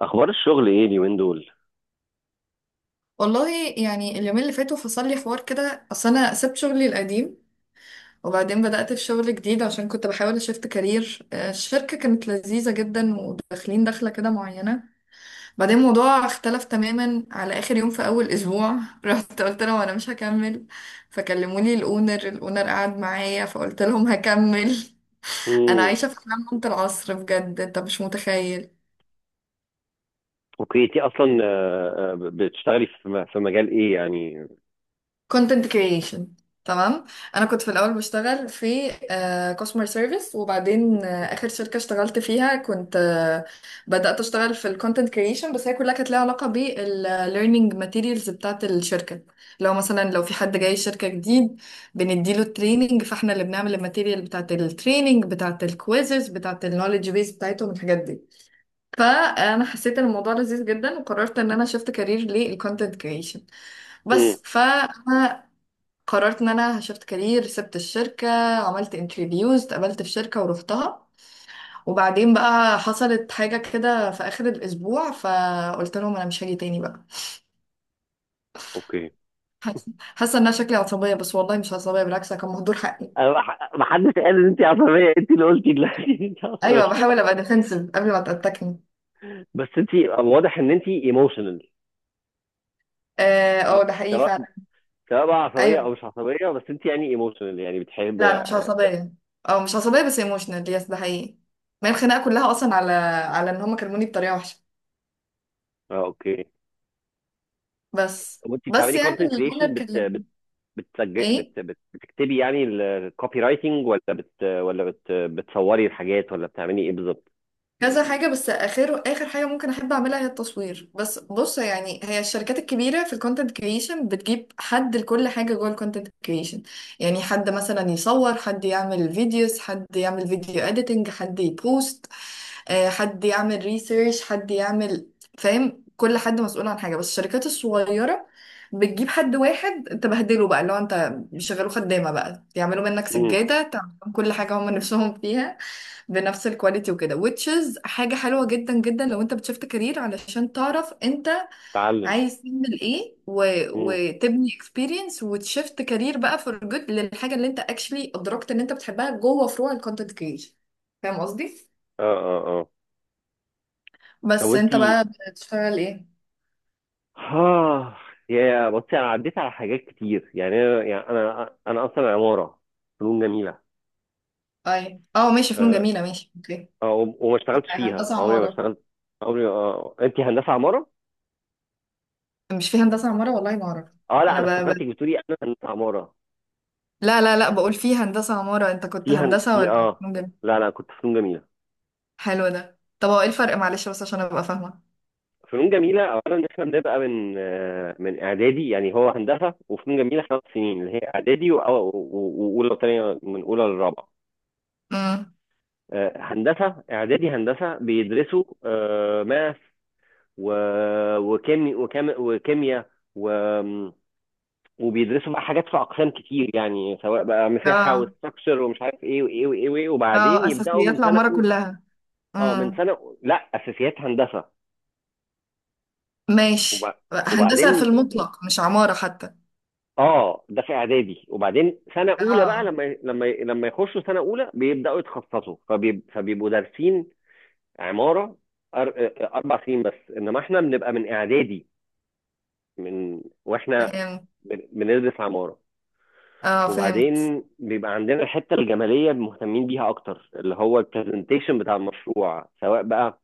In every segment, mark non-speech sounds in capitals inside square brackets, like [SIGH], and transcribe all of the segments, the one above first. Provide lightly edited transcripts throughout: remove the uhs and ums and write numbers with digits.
اخبار الشغل ايه اليومين دول؟ والله، يعني اليومين اللي فاتوا فصل لي حوار كده. اصل انا سبت شغلي القديم وبعدين بدأت في شغل جديد عشان كنت بحاول اشفت كارير. الشركة كانت لذيذة جدا وداخلين دخلة كده معينة. بعدين الموضوع اختلف تماما على اخر يوم في اول اسبوع. [LAUGHS] رحت قلت لهم انا مش هكمل، فكلموني. الاونر قعد معايا فقلت لهم هكمل. [LAUGHS] انا امم عايشة في حلم منت العصر، بجد انت مش متخيل. اوكي، انت اصلا بتشتغلي في في مجال ايه يعني؟ كونتنت كرييشن. تمام. انا كنت في الاول بشتغل في كاستمر سيرفيس، وبعدين اخر شركه اشتغلت فيها كنت بدات اشتغل في الكونتنت كرييشن، بس هي كلها كانت ليها علاقه بالليرنينج ماتيريالز بتاعه الشركه. لو مثلا لو في حد جاي شركه جديد بنديله التريننج، فاحنا اللي بنعمل الماتيريال بتاعه التريننج، بتاعه الكويزز، بتاعه النولج بيس بتاعتهم، الحاجات دي. فانا حسيت ان الموضوع لذيذ جدا وقررت ان انا شفت كارير للكونتنت كرييشن. امم بس ف قررت ان انا شفت كارير، سبت الشركة، عملت انترفيوز، اتقبلت في شركة ورحتها، وبعدين بقى حصلت حاجة كده في اخر الاسبوع فقلت لهم انا مش هاجي تاني بقى. اوكي. حاسة ان انا شكلي عصبية، بس والله مش عصبية، بالعكس أنا كان مهدور حقي. أنا ما حدش قال ان انت عصبيه، انت اللي قلتي دلوقتي [LAUGHS] ان انت ايوه، عصبيه. بحاول ابقى ديفنسيف قبل ما تتكني. بس انت واضح ان انت ايموشنال. اه، ده حقيقي سواء فعلا. سواء بقى عصبيه ايوه. او مش عصبيه، بس انت يعني ايموشنال، يعني بتحب، لا انا مش اه. عصبية، او مش عصبية بس ايموشنال، يس ده حقيقي. ما هي الخناقة كلها اصلا على ان هم كلموني بطريقة وحشة. اوكي، بس طب انت بس بتعملي يعني كونتنت كريشن، الاونر بت كلمني. بت بتسجل، ايه، بت بت بتكتبي يعني الكوبي رايتنج، ولا بت ولا بت بتصوري الحاجات، ولا بتعملي ايه بالظبط؟ كذا حاجة، بس آخر آخر حاجة ممكن أحب أعملها هي التصوير. بس بص، يعني هي الشركات الكبيرة في الكونتنت كريشن بتجيب حد لكل حاجة جوه الكونتنت كريشن. يعني حد مثلا يصور، حد يعمل فيديوز، حد يعمل فيديو اديتنج، حد يبوست، حد يعمل ريسيرش، حد يعمل. فاهم، كل حد مسؤول عن حاجة. بس الشركات الصغيرة بتجيب حد واحد تبهدله بقى، اللي هو انت بيشغلوه خدامة بقى، يعملوا منك امم سجادة، تعمل لهم كل حاجة هم نفسهم فيها بنفس الكواليتي وكده، which is حاجة حلوة جدا جدا لو انت بتشفت كارير، علشان تعرف انت تعلم. عايز تعمل ايه مم. وتبني experience وتشفت كارير بقى for good للحاجة اللي انت actually ادركت ان انت بتحبها جوه فروع الكونتنت creation. فاهم قصدي؟ اه اه اه. طب بس انت، انت بقى بتشتغل ايه؟ ها. يا بصي، انا عديت على حاجات كتير، يعني انا اصلا عماره، فنون جميله. اي اه، ماشي، فنون آه. جميلة، ماشي، اوكي. وما اشتغلتش فيها، هندسة عمري ما عمارة؟ اشتغلت عمري. انت هندسه عماره؟ مش في هندسة عمارة؟ والله ما اعرف. اه لا، انا انا ب... افتكرتك ب... بتقولي انا هندسه عماره. لا لا لا، بقول في هندسة عمارة. انت كنت في هن... هندسة في ولا اه فنون جميلة؟ لا لا، كنت فنون جميله. حلو ده. طب هو ايه الفرق؟ معلش بس عشان ابقى فاهمة. فنون جميله اولا، احنا بنبقى من من اعدادي. يعني هو هندسه وفنون جميله 5 سنين، اللي هي اعدادي واولى وثانيه، من اولى للرابعه. امم. هندسه اعدادي، هندسه بيدرسوا ماث وكيمياء، وبيدرسوا بقى حاجات في اقسام كتير، يعني سواء بقى مساحه اه وستراكشر ومش عارف ايه وايه وايه وايه، وبعدين اه، يبداوا اساسيات من سنه العمارة أو... كلها. اه من امم. سنه أو... لا، اساسيات هندسه. وب... ماشي، هندسة في وبعدين المطلق مش عمارة حتى. اه، ده في اعدادي. وبعدين سنه اولى بقى، اه لما يخشوا سنه اولى بيبداوا يتخصصوا، فبيبقوا دارسين عماره. أر... آه، 4 سنين بس، انما احنا بنبقى من اعدادي، من واحنا فهمت. بندرس عمارة. اه فهمت. وبعدين بيبقى عندنا الحتة الجمالية مهتمين بيها أكتر، اللي هو البرزنتيشن بتاع المشروع، سواء بقى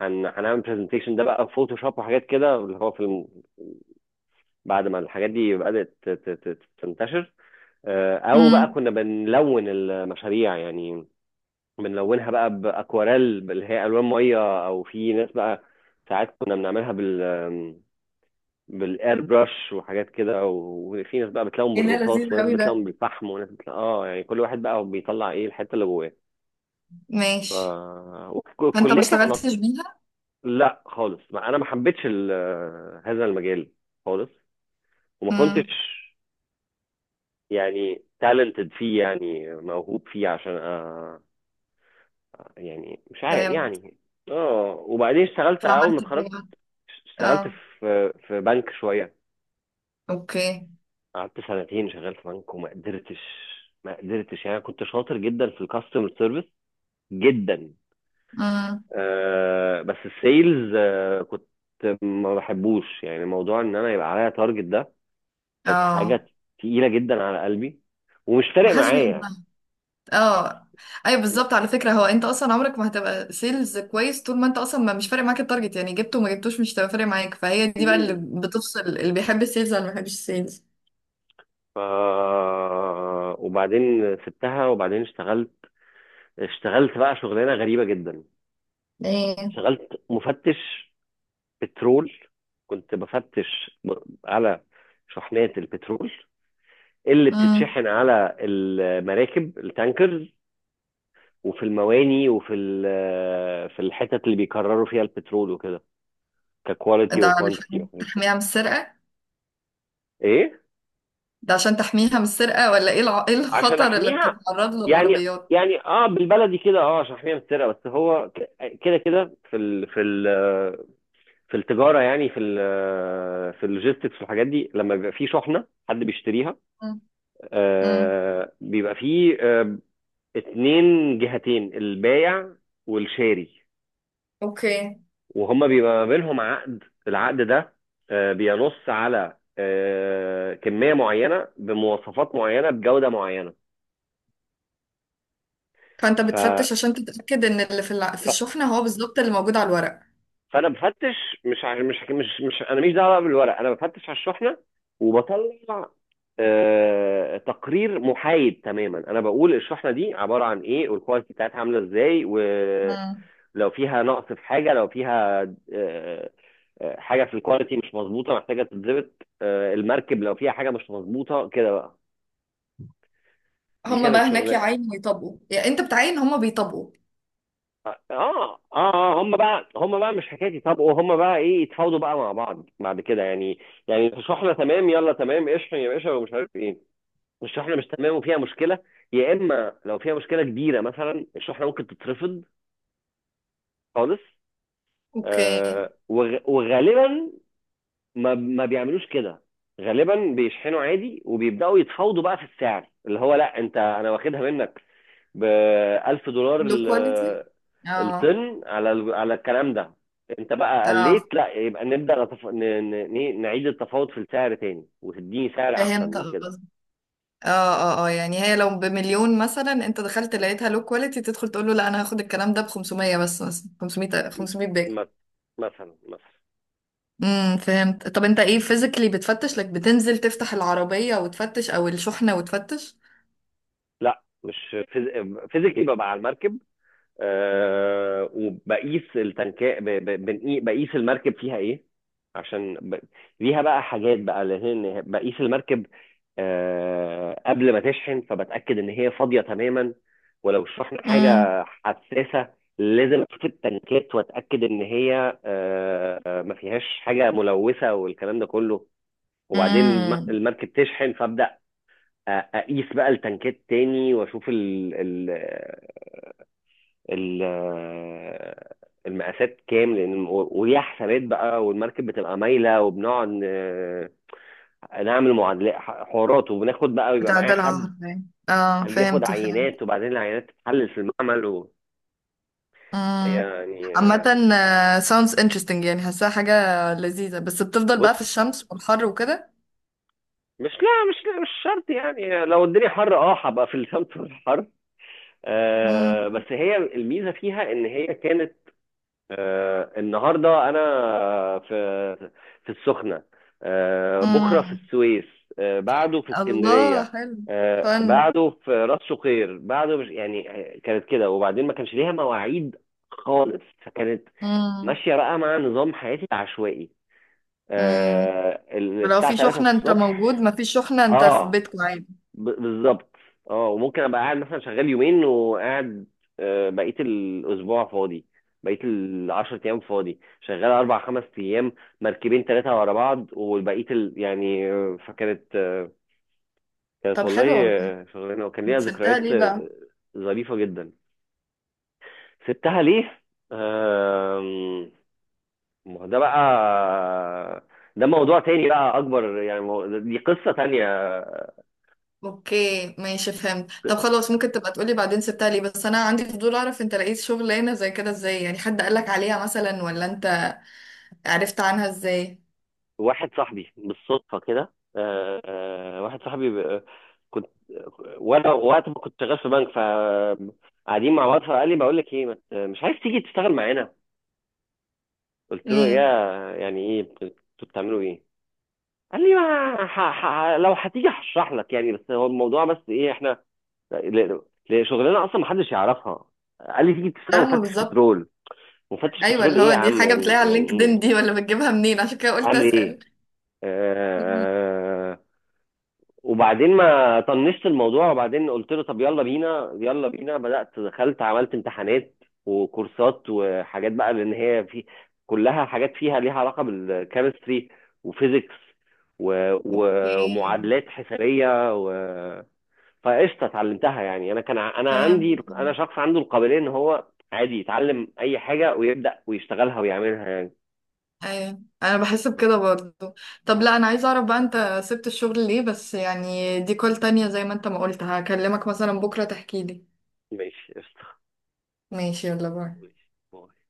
هنعمل برزنتيشن ده بقى فوتوشوب وحاجات كده، اللي هو في بعد ما الحاجات دي بدأت تنتشر. أو بقى امم. كنا بنلون المشاريع يعني، بنلونها بقى بأكواريل اللي هي ألوان مية. أو في ناس بقى ساعات كنا بنعملها بالاير برش وحاجات كده. وفي ناس بقى بتلاقيهم ايه ده، بالرصاص، لذيذ وناس قوي ده. بتلاقيهم بالفحم، وناس بتلاقي اه، يعني كل واحد بقى بيطلع ايه الحته اللي جواه. ف ماشي. فانت ما والكليه كانت اشتغلتش بيها؟ لا خالص، ما انا ما حبيتش هذا المجال خالص. وما كنتش امم، يعني تالنتد فيه، يعني موهوب فيه، عشان يعني مش عارف فهمت. يعني. اه، وبعدين اشتغلت اول ما فعملت اتخرجت. بيها؟ اشتغلت اه، في بنك شويه. اوكي. قعدت سنتين شغال في بنك، وما قدرتش. ما قدرتش يعني، كنت شاطر جدا في الكاستمر سيرفيس، جدا. امم. آه، بس السيلز آه، كنت ما بحبوش، يعني موضوع ان انا يبقى عليا تارجت، ده كانت اه، حاجه تقيله جدا على قلبي، ومش ما فارق حدش معايا. بيحبها. اه. ايوه بالظبط، على فكره. هو انت اصلا عمرك ما هتبقى سيلز كويس طول ما انت اصلا ما مش فارق معاك التارجت، يعني جبته وما جبتوش مش هتبقى فارق معاك، فهي دي بقى اللي مم. بتفصل اللي بيحب السيلز ولا ما بيحبش السيلز. ف وبعدين سبتها. وبعدين اشتغلت، اشتغلت بقى شغلانه غريبه جدا. ايه. اشتغلت مفتش بترول. كنت بفتش على شحنات البترول اللي امم. بتتشحن على المراكب التانكرز، وفي المواني، وفي في الحتت اللي بيكرروا فيها البترول وكده، ككواليتي ده وكوانتيتي علشان وحاجات كده. تحميها من السرقه؟ ايه، ده عشان تحميها من السرقه ولا ايه ايه عشان الخطر اللي احميها بتتعرض له يعني. العربيات؟ يعني اه، بالبلدي كده، اه، عشان احميها من السرقه. بس هو كده كده، في ال في ال في التجاره، يعني في اللوجيستكس والحاجات دي، لما بيبقى في شحنه حد بيشتريها، امم. أمم. آه بيبقى فيه آه، اتنين جهتين، البايع والشاري. اوكي. وهما بيبقى ما بينهم عقد. العقد ده آه بينص على آه، كمية معينة بمواصفات معينة بجودة معينة. فانت ف... بتفتش عشان تتاكد ان اللي في في ف... الشحنه هو بالظبط اللي موجود على الورق. فأنا بفتش، مش ع- مش مش مش أنا مش دعوة بقى بالورق، أنا بفتش على الشحنة، وبطلع تقرير محايد تماما. انا بقول الشحنه دي عباره عن ايه، والكواليتي بتاعتها عامله ازاي، و... امم. لو فيها نقص في حاجه، لو فيها آه، حاجه في الكواليتي مش مظبوطه محتاجه تتظبط، المركب لو فيها حاجه مش مظبوطه كده بقى. دي هما بقى كانت هناك شغلانه. يعاينوا ويطبقوا، يعني انت بتعاين هما بيطبقوا. اه اه اه، هم بقى مش حكايتي. طب وهم بقى ايه؟ يتفاوضوا بقى مع بعض بعد كده يعني. يعني تشرحنا تمام، يلا تمام اشحن يا باشا ومش عارف ايه. الشحنه مش تمام وفيها مشكله، يا اما لو فيها مشكله كبيره مثلا الشحنه ممكن تترفض خالص. اوكي. وغالبا ما بيعملوش كده. غالبا بيشحنوا عادي وبيبداوا يتفاوضوا بقى في السعر، اللي هو لا انت انا واخدها منك ب 1000 دولار لو كواليتي. اه الطن على على الكلام ده. انت بقى اه، قليت لا، يبقى نبدا نتف... ن... ن... ن- نعيد التفاوض في السعر تاني وتديني سعر احسن فهمت من كده. قصدك. اه اه اه، يعني هي لو بمليون مثلا انت دخلت لقيتها لو كواليتي، تدخل تقول له لا انا هاخد الكلام ده ب 500، بس مثلا 500، 500 باكو. م- مثلا مثلا. امم، فهمت. طب انت ايه فيزيكلي بتفتش لك؟ بتنزل تفتح العربية وتفتش او الشحنة وتفتش؟ لا، مش فيزيكلي، ببقى على المركب. آه وبقيس التنكات، بقيس المركب فيها ايه. عشان ليها بقى حاجات بقى، لان بقيس المركب آه قبل ما تشحن فبتاكد ان هي فاضيه تماما. ولو الشحن امم. حاجه حساسه لازم اشوف التنكات واتاكد ان هي آه ما فيهاش حاجه ملوثه والكلام ده كله. وبعدين امم. المركب تشحن، فابدا اقيس بقى التنكات تاني واشوف ال- المقاسات كام، لان وليها حسابات بقى، والمركب بتبقى مايله، وبنقعد نعمل معادلات حوارات، وبناخد بقى، ويبقى بتاع معايا ده حد العهر يعني. اه اللي ياخد فهمت فهمت. عينات، وبعدين العينات تتحلل في المعمل وهي امم. يعني عامة، sounds interesting، يعني حاساها حاجة لذيذة، بس بتفضل بص، بقى في الشمس والحر وكده. مش شرط يعني، لو الدنيا حر اه هبقى في الشمس في الحر. بس هي الميزه فيها ان هي كانت، النهارده انا في السخنه، بكره في امم. السويس، بعده في الله، اسكندريه، حلو. فن. بعده في راس شقير، بعده مش يعني. كانت كده، وبعدين ما كانش ليها مواعيد خالص، فكانت امم. ماشيه بقى مع نظام حياتي العشوائي. امم. لو الساعه في 3 شحنة انت الصبح. موجود، ما فيش شحنة انت في اه بيتكم عادي. بالظبط. اه وممكن ابقى قاعد مثلا شغال يومين وقاعد بقيه الاسبوع فاضي، بقيه ال10 ايام فاضي، شغال اربع خمس ايام، مركبين ثلاثه ورا بعض والبقيه يعني فكانت كانت طب والله حلو والله. شغلانه، وكان انت ليها سبتها ذكريات ليه بقى؟ ظريفه جدا. سبتها ليه؟ آم، ما هو ده بقى، ده موضوع تاني بقى اكبر يعني، دي قصه تانيه. اوكي ماشي فهمت. طب خلاص ممكن تبقى تقولي بعدين سبتها ليه، بس انا عندي فضول اعرف انت لقيت شغلانة زي كده ازاي، يعني حد قالك عليها مثلا، ولا انت عرفت عنها ازاي؟ واحد صاحبي بالصدفه كده، واحد صاحبي كنت وانا وقت ما كنت شغال في بنك، فقاعدين مع بعض، فقال لي بقول لك ايه، ما مش عايز تيجي تشتغل معانا؟ قلت له يا، امم. يعني ايه؟ انتوا بتعملوا ايه؟ قال لي ما لو هتيجي هشرح لك يعني، بس هو الموضوع بس ايه؟ احنا ل... شغلنا اصلا ما حدش يعرفها. قال لي تيجي تشتغل لا، ما مفتش بالظبط. بترول. مفتش ايوه، بترول اللي ايه يا هو دي عم، حاجة يعني بتلاقيها على يعني ايه اللينكدين يعني، دي ولا بتجيبها منين، عشان كده قلت اعمل ايه؟ اسأل. آه، [LAUGHS] مم. آه، آه، وبعدين ما طنشت الموضوع، وبعدين قلت له طب يلا بينا يلا بينا، بدأت دخلت عملت امتحانات وكورسات وحاجات بقى، لان هي في كلها حاجات فيها ليها علاقة بالكيمستري وفيزيكس اوكي ومعادلات حسابية و. فقشطة اتعلمتها يعني. انا كان انا فهمت. عندي، انا شخص عنده القابلية ان هو عادي يتعلم اي حاجة ويبدأ ويشتغلها ويعملها يعني. ايوه انا بحس بكده برضو. طب لا انا عايزه اعرف بقى انت سبت الشغل ليه، بس يعني دي كول تانية، زي ما انت ما قلت هكلمك مثلا بكره تحكي لي. ماشي قشطة. ماشي، يلا باي. ماشي.